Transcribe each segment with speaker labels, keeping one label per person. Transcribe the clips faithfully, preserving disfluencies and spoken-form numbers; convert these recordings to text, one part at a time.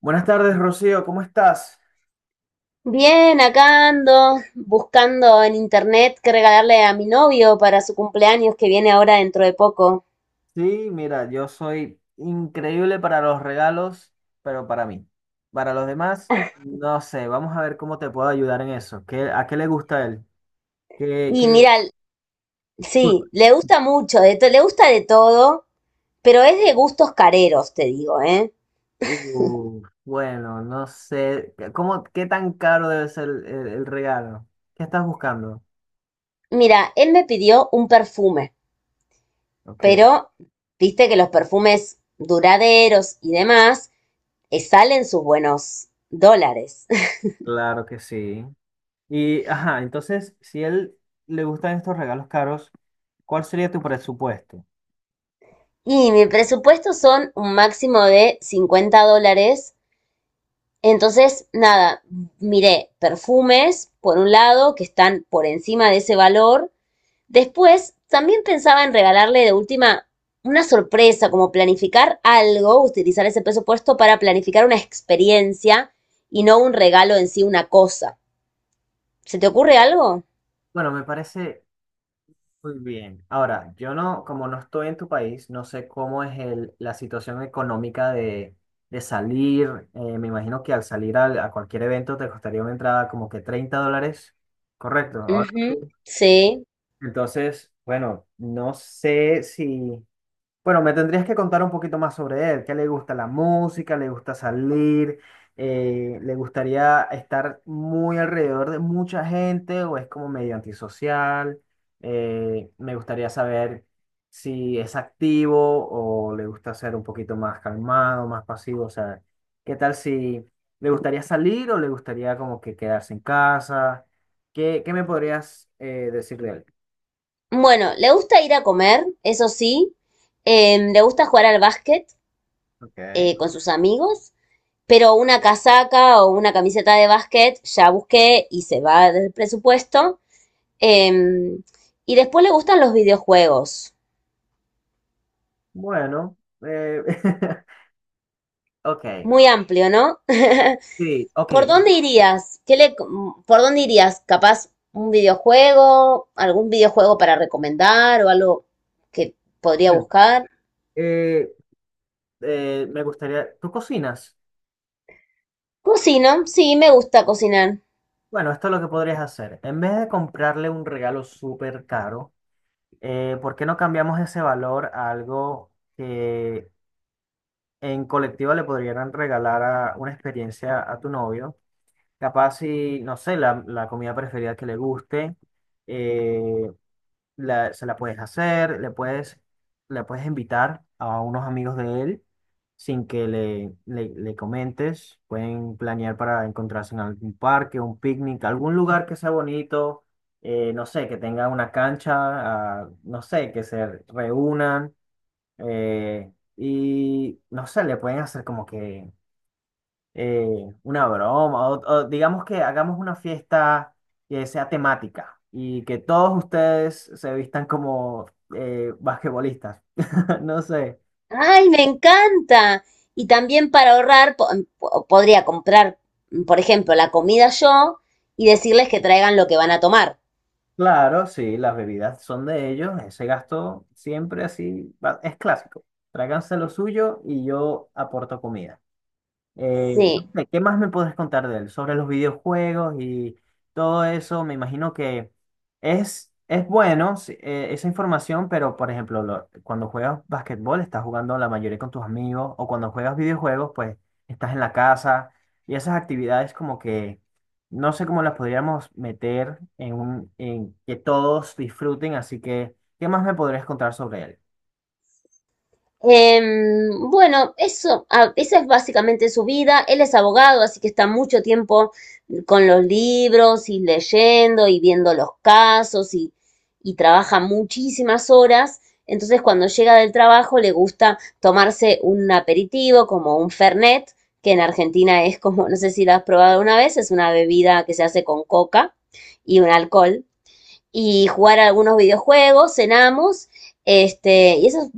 Speaker 1: Buenas tardes, Rocío, ¿cómo estás?
Speaker 2: Bien, acá ando buscando en internet qué regalarle a mi novio para su cumpleaños que viene ahora dentro de poco.
Speaker 1: Sí, mira, yo soy increíble para los regalos, pero para mí. Para los demás, no sé, vamos a ver cómo te puedo ayudar en eso. ¿Qué, a qué le gusta a él? ¿Qué,
Speaker 2: Y
Speaker 1: qué-
Speaker 2: mira,
Speaker 1: qué cul-
Speaker 2: sí, le gusta mucho, de to- le gusta de todo, pero es de gustos careros, te digo, ¿eh?
Speaker 1: Uf, bueno, no sé, ¿cómo, qué tan caro debe ser el, el- el regalo? ¿Qué estás buscando?
Speaker 2: Mira, él me pidió un perfume,
Speaker 1: Ok,
Speaker 2: pero viste que los perfumes duraderos y demás eh, salen sus buenos dólares.
Speaker 1: claro que sí. Y, ajá, entonces, si a él le gustan estos regalos caros, ¿cuál sería tu presupuesto?
Speaker 2: Y mi presupuesto son un máximo de cincuenta dólares. Entonces, nada, miré perfumes, por un lado, que están por encima de ese valor. Después, también pensaba en regalarle de última una sorpresa, como planificar algo, utilizar ese presupuesto para planificar una experiencia y no un regalo en sí, una cosa. ¿Se te ocurre algo?
Speaker 1: Bueno, me parece muy bien. Ahora, yo no, como no estoy en tu país, no sé cómo es el, la situación económica de, de salir. Eh, me imagino que al salir al- a cualquier evento te costaría una entrada como que treinta dólares. Correcto. Ahora sí.
Speaker 2: Ujú. Sí.
Speaker 1: Entonces, bueno, no sé si, bueno, me tendrías que contar un poquito más sobre él. ¿Qué le gusta la música? ¿Le gusta salir? Eh, ¿le gustaría estar muy alrededor de mucha gente o es como medio antisocial? Eh, me gustaría saber si es activo o le gusta ser un poquito más calmado, más pasivo. O sea, ¿qué tal si le gustaría salir o le gustaría como que quedarse en casa? ¿Qué, qué me podrías eh, decir de él?
Speaker 2: Bueno, le gusta ir a comer, eso sí. Em, le gusta jugar al básquet
Speaker 1: Ok.
Speaker 2: eh, con sus amigos. Pero una casaca o una camiseta de básquet ya busqué y se va del presupuesto. Em, y después le gustan los videojuegos.
Speaker 1: Bueno, eh, ok.
Speaker 2: Muy amplio, ¿no?
Speaker 1: Sí, ok.
Speaker 2: ¿Por dónde irías? ¿Qué le, ¿Por dónde irías? ¿Capaz un videojuego? ¿Algún videojuego para recomendar o algo que podría buscar?
Speaker 1: eh, eh, me gustaría, ¿tú cocinas?
Speaker 2: Cocino, sí, me gusta cocinar.
Speaker 1: Bueno, esto es lo que podrías hacer. En vez de comprarle un regalo súper caro, eh, ¿por qué no cambiamos ese valor a algo que en colectiva le podrían regalar a- una experiencia a tu novio? Capaz si, no sé, la, la comida preferida que le guste, eh, la- se la puedes hacer, le puedes, le puedes invitar a unos amigos de él sin que le, le, le comentes. Pueden planear para encontrarse en algún parque, un picnic, algún lugar que sea bonito, eh, no sé, que tenga una cancha, ah, no sé, que se reúnan eh, y no sé, le pueden hacer como que eh, una broma, o, o digamos que hagamos una fiesta que sea temática y que todos ustedes se vistan como eh, basquetbolistas. No sé.
Speaker 2: Ay, me encanta. Y también para ahorrar, po- em, po- podría comprar, por ejemplo, la comida yo y decirles que traigan lo que van a tomar.
Speaker 1: Claro, sí, las bebidas son de ellos, ese gasto siempre así va- es clásico. Tráiganse lo suyo y yo aporto comida. Eh, no
Speaker 2: Sí.
Speaker 1: sé, ¿qué más me puedes contar de él? Sobre los videojuegos y todo eso, me imagino que es, es bueno sí, eh, esa información, pero por ejemplo, lo- cuando juegas basquetbol estás jugando la mayoría con tus amigos, o cuando juegas videojuegos, pues estás en la casa, y esas actividades como que no sé cómo las podríamos meter en un, en que todos disfruten, así que, ¿qué más me podrías contar sobre él?
Speaker 2: Em, bueno, eso, ah, esa es básicamente su vida. Él es abogado, así que está mucho tiempo con los libros y leyendo y viendo los casos y, y trabaja muchísimas horas. Entonces, cuando llega del trabajo, le gusta tomarse un aperitivo como un Fernet, que en Argentina es como, no sé si lo has probado una vez, es una bebida que se hace con coca y un alcohol y jugar algunos videojuegos, cenamos, este, y esa es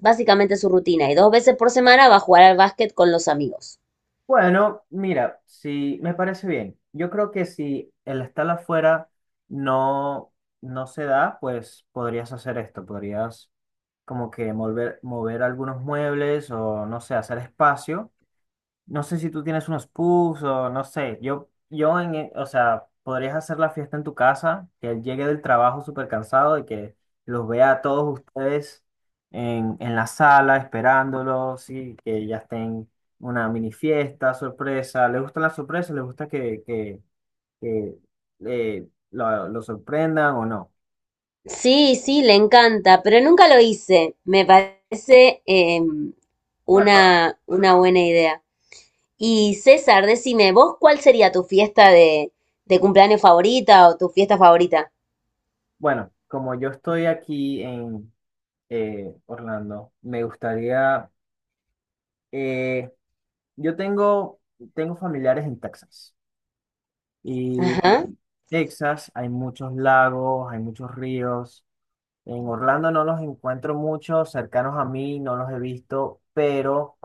Speaker 2: básicamente su rutina. Y dos veces por semana va a jugar al básquet con los amigos.
Speaker 1: Bueno, mira, si me parece bien. Yo creo que si el estar afuera no, no se da, pues podrías hacer esto, podrías como que mover, mover algunos muebles o no sé, hacer espacio. No sé si tú tienes unos puffs o no sé. Yo, yo en, e- o sea, podrías hacer la fiesta en tu casa, que él llegue del trabajo súper cansado y que los vea a todos ustedes en, en la sala esperándolos y que ya estén una mini fiesta, sorpresa. ¿Le gustan las sorpresas? ¿Le gusta que, que, que eh, lo, lo sorprendan o no?
Speaker 2: Sí, sí, le encanta, pero nunca lo hice. Me parece eh,
Speaker 1: Bueno,
Speaker 2: una, una buena idea. Y César, decime, ¿vos cuál sería tu fiesta de, de cumpleaños favorita o tu fiesta favorita?
Speaker 1: bueno, como yo estoy aquí en eh, Orlando, me gustaría. eh, Yo tengo, tengo familiares en Texas. Y
Speaker 2: Ajá.
Speaker 1: Texas hay muchos lagos, hay muchos ríos. En Orlando no los encuentro mucho, cercanos a mí no los he visto, pero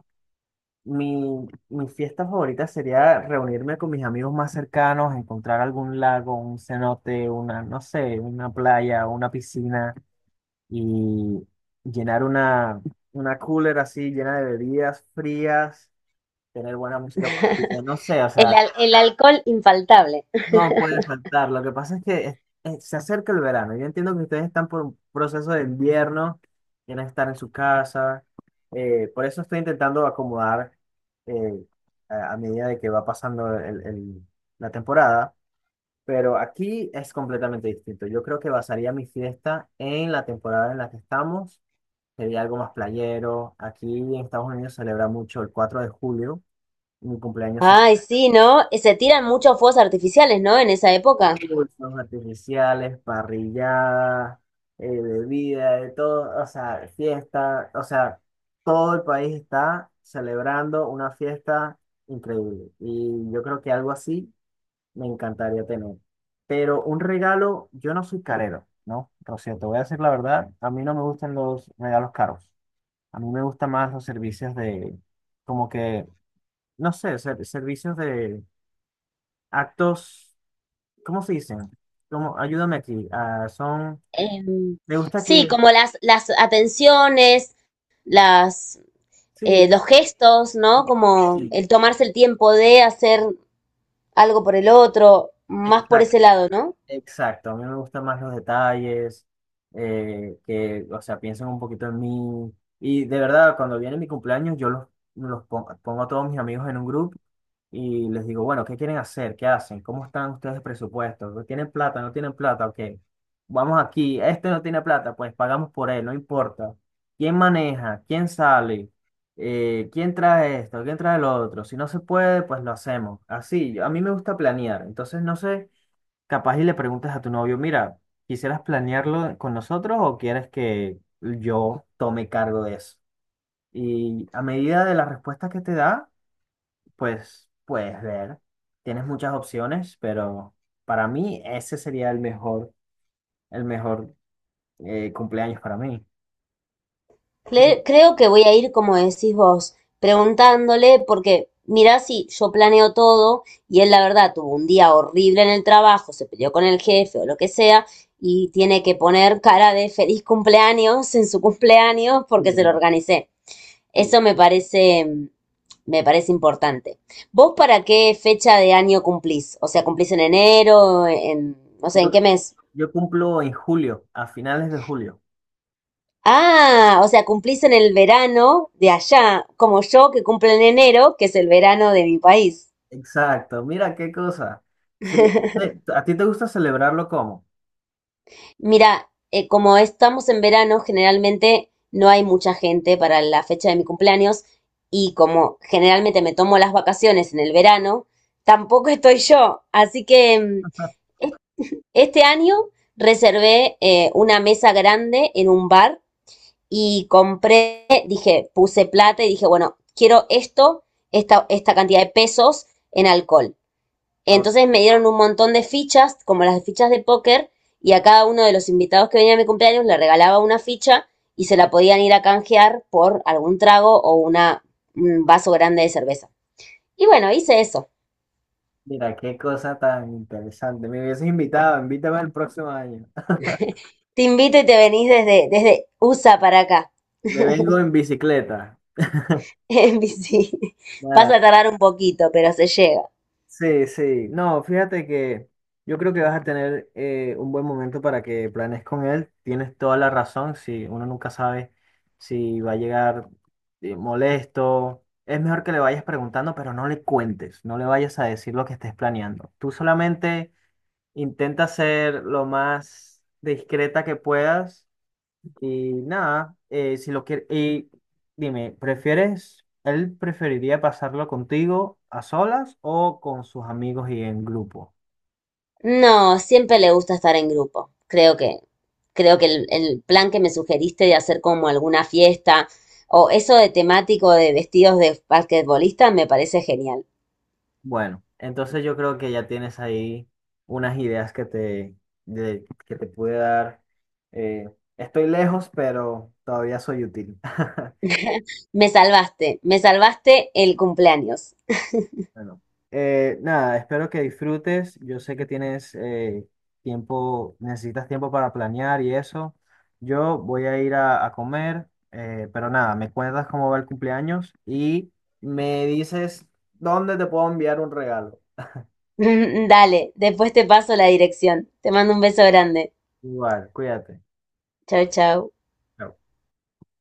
Speaker 1: mi, mi fiesta favorita sería reunirme con mis amigos más cercanos, encontrar algún lago, un cenote, una, no sé, una playa, una piscina y llenar una, una cooler así llena de bebidas frías, tener buena música, no sé, o
Speaker 2: El,
Speaker 1: sea,
Speaker 2: al- el alcohol infaltable.
Speaker 1: no puede faltar. Lo que pasa es que es- es- se acerca el verano. Yo entiendo que ustedes están por un proceso de invierno, quieren estar en su casa. eh, por eso estoy intentando acomodar eh, a, a medida de que va pasando el- el- la temporada. Pero aquí es completamente distinto. Yo creo que basaría mi fiesta en la temporada en la que estamos. Sería algo más playero. Aquí en Estados Unidos se celebra mucho el cuatro de julio. Mi cumpleaños
Speaker 2: Ay, sí, ¿no? Se tiran muchos fuegos artificiales, ¿no? En esa
Speaker 1: y
Speaker 2: época.
Speaker 1: fuegos artificiales, parrilladas, eh, bebida, de todo, o sea, fiesta, o sea, todo el país está celebrando una fiesta increíble. Y yo creo que algo así me encantaría tener. Pero un regalo, yo no soy carero, ¿no? Rocío, te voy a decir la verdad, a mí no me gustan los regalos caros. A mí me gustan más los servicios de, como que, no sé, ser- servicios de actos. ¿Cómo se dicen? ¿Cómo? Ayúdame aquí. Ah, son,
Speaker 2: Em,
Speaker 1: me gusta
Speaker 2: sí,
Speaker 1: que,
Speaker 2: como las, las atenciones, las, eh,
Speaker 1: sí,
Speaker 2: los gestos, ¿no? Como el tomarse el tiempo de hacer algo por el otro, más por ese
Speaker 1: exacto.
Speaker 2: lado, ¿no?
Speaker 1: Exacto, a mí me gustan más los detalles, eh, que, o sea, piensen un poquito en mí. Y de verdad, cuando viene mi cumpleaños, yo los, los pon- pongo a todos mis amigos en un grupo y les digo, bueno, ¿qué quieren hacer? ¿Qué hacen? ¿Cómo están ustedes de presupuesto? ¿No? ¿Tienen plata? ¿No tienen plata? Ok, vamos aquí. Este no tiene plata, pues pagamos por él, no importa. ¿Quién maneja? ¿Quién sale? Eh, ¿quién trae esto? ¿Quién trae lo otro? Si no se puede, pues lo hacemos. Así, yo- a mí me gusta planear, entonces no sé. Capaz y le preguntas a tu novio, mira, ¿quisieras planearlo con nosotros o quieres que yo tome cargo de eso? Y a medida de las respuestas que te da, pues puedes ver. Tienes muchas opciones, pero para mí ese sería el mejor, el mejor eh, cumpleaños para mí. Y-
Speaker 2: Cle- creo que voy a ir, como decís vos, preguntándole, porque mirá si yo planeo todo y él la verdad tuvo un día horrible en el trabajo, se peleó con el jefe o lo que sea, y tiene que poner cara de feliz cumpleaños en su cumpleaños porque se lo
Speaker 1: y-
Speaker 2: organicé. Eso me parece, me parece importante. ¿Vos para qué fecha de año cumplís? O sea, ¿cumplís en enero? En, no sé,
Speaker 1: Yo,
Speaker 2: ¿en qué mes?
Speaker 1: yo cumplo en julio, a finales de julio.
Speaker 2: Ah, o sea, cumplís en el verano de allá, como yo que cumple en enero, que es el verano de mi país.
Speaker 1: Exacto, mira qué cosa. Sí, sí, ¿a ti te gusta celebrarlo cómo?
Speaker 2: Mira, eh, como estamos en verano, generalmente no hay mucha gente para la fecha de mi cumpleaños y como generalmente me tomo las vacaciones en el verano, tampoco estoy yo. Así que mm, este año reservé eh, una mesa grande en un bar y compré, dije, puse plata y dije, bueno, quiero esto, esta, esta cantidad de pesos en alcohol. Entonces me dieron un montón de fichas, como las fichas de póker, y a cada uno de los invitados que venía a mi cumpleaños le regalaba una ficha y se la podían ir a canjear por algún trago o una, un vaso grande de cerveza. Y bueno, hice eso.
Speaker 1: Mira, qué cosa tan interesante. Me hubieses invitado, invítame el próximo año.
Speaker 2: Te invito y te venís desde, desde U S A para acá.
Speaker 1: Me vengo en bicicleta.
Speaker 2: En bici. Vas
Speaker 1: Nada.
Speaker 2: a tardar un poquito, pero se llega.
Speaker 1: Sí, sí. No, fíjate que yo creo que vas a tener eh, un buen momento para que planees con él. Tienes toda la razón. Si uno nunca sabe si va a llegar eh, molesto, es mejor que le vayas preguntando, pero no le cuentes, no le vayas a decir lo que estés planeando. Tú solamente intenta ser lo más discreta que puedas. Y nada, eh, si lo quieres, y dime, ¿prefieres, él preferiría pasarlo contigo a solas o con sus amigos y en grupo?
Speaker 2: No, siempre le gusta estar en grupo. Creo que, creo que el, el plan que me sugeriste de hacer como alguna fiesta o eso de temático de vestidos de basquetbolista me parece genial.
Speaker 1: Bueno, entonces yo creo que ya tienes ahí unas ideas que te, de- que te pude dar. Eh, Estoy lejos, pero todavía soy útil.
Speaker 2: Me salvaste, me salvaste el cumpleaños.
Speaker 1: Bueno, eh, nada, espero que disfrutes. Yo sé que tienes eh, tiempo, necesitas tiempo para planear y eso. Yo voy a ir a, a comer, eh, pero nada, me cuentas cómo va el cumpleaños y me dices dónde te puedo enviar un regalo.
Speaker 2: Dale, después te paso la dirección. Te mando un beso grande.
Speaker 1: Igual, cuídate.
Speaker 2: Chau, chau.
Speaker 1: Chao.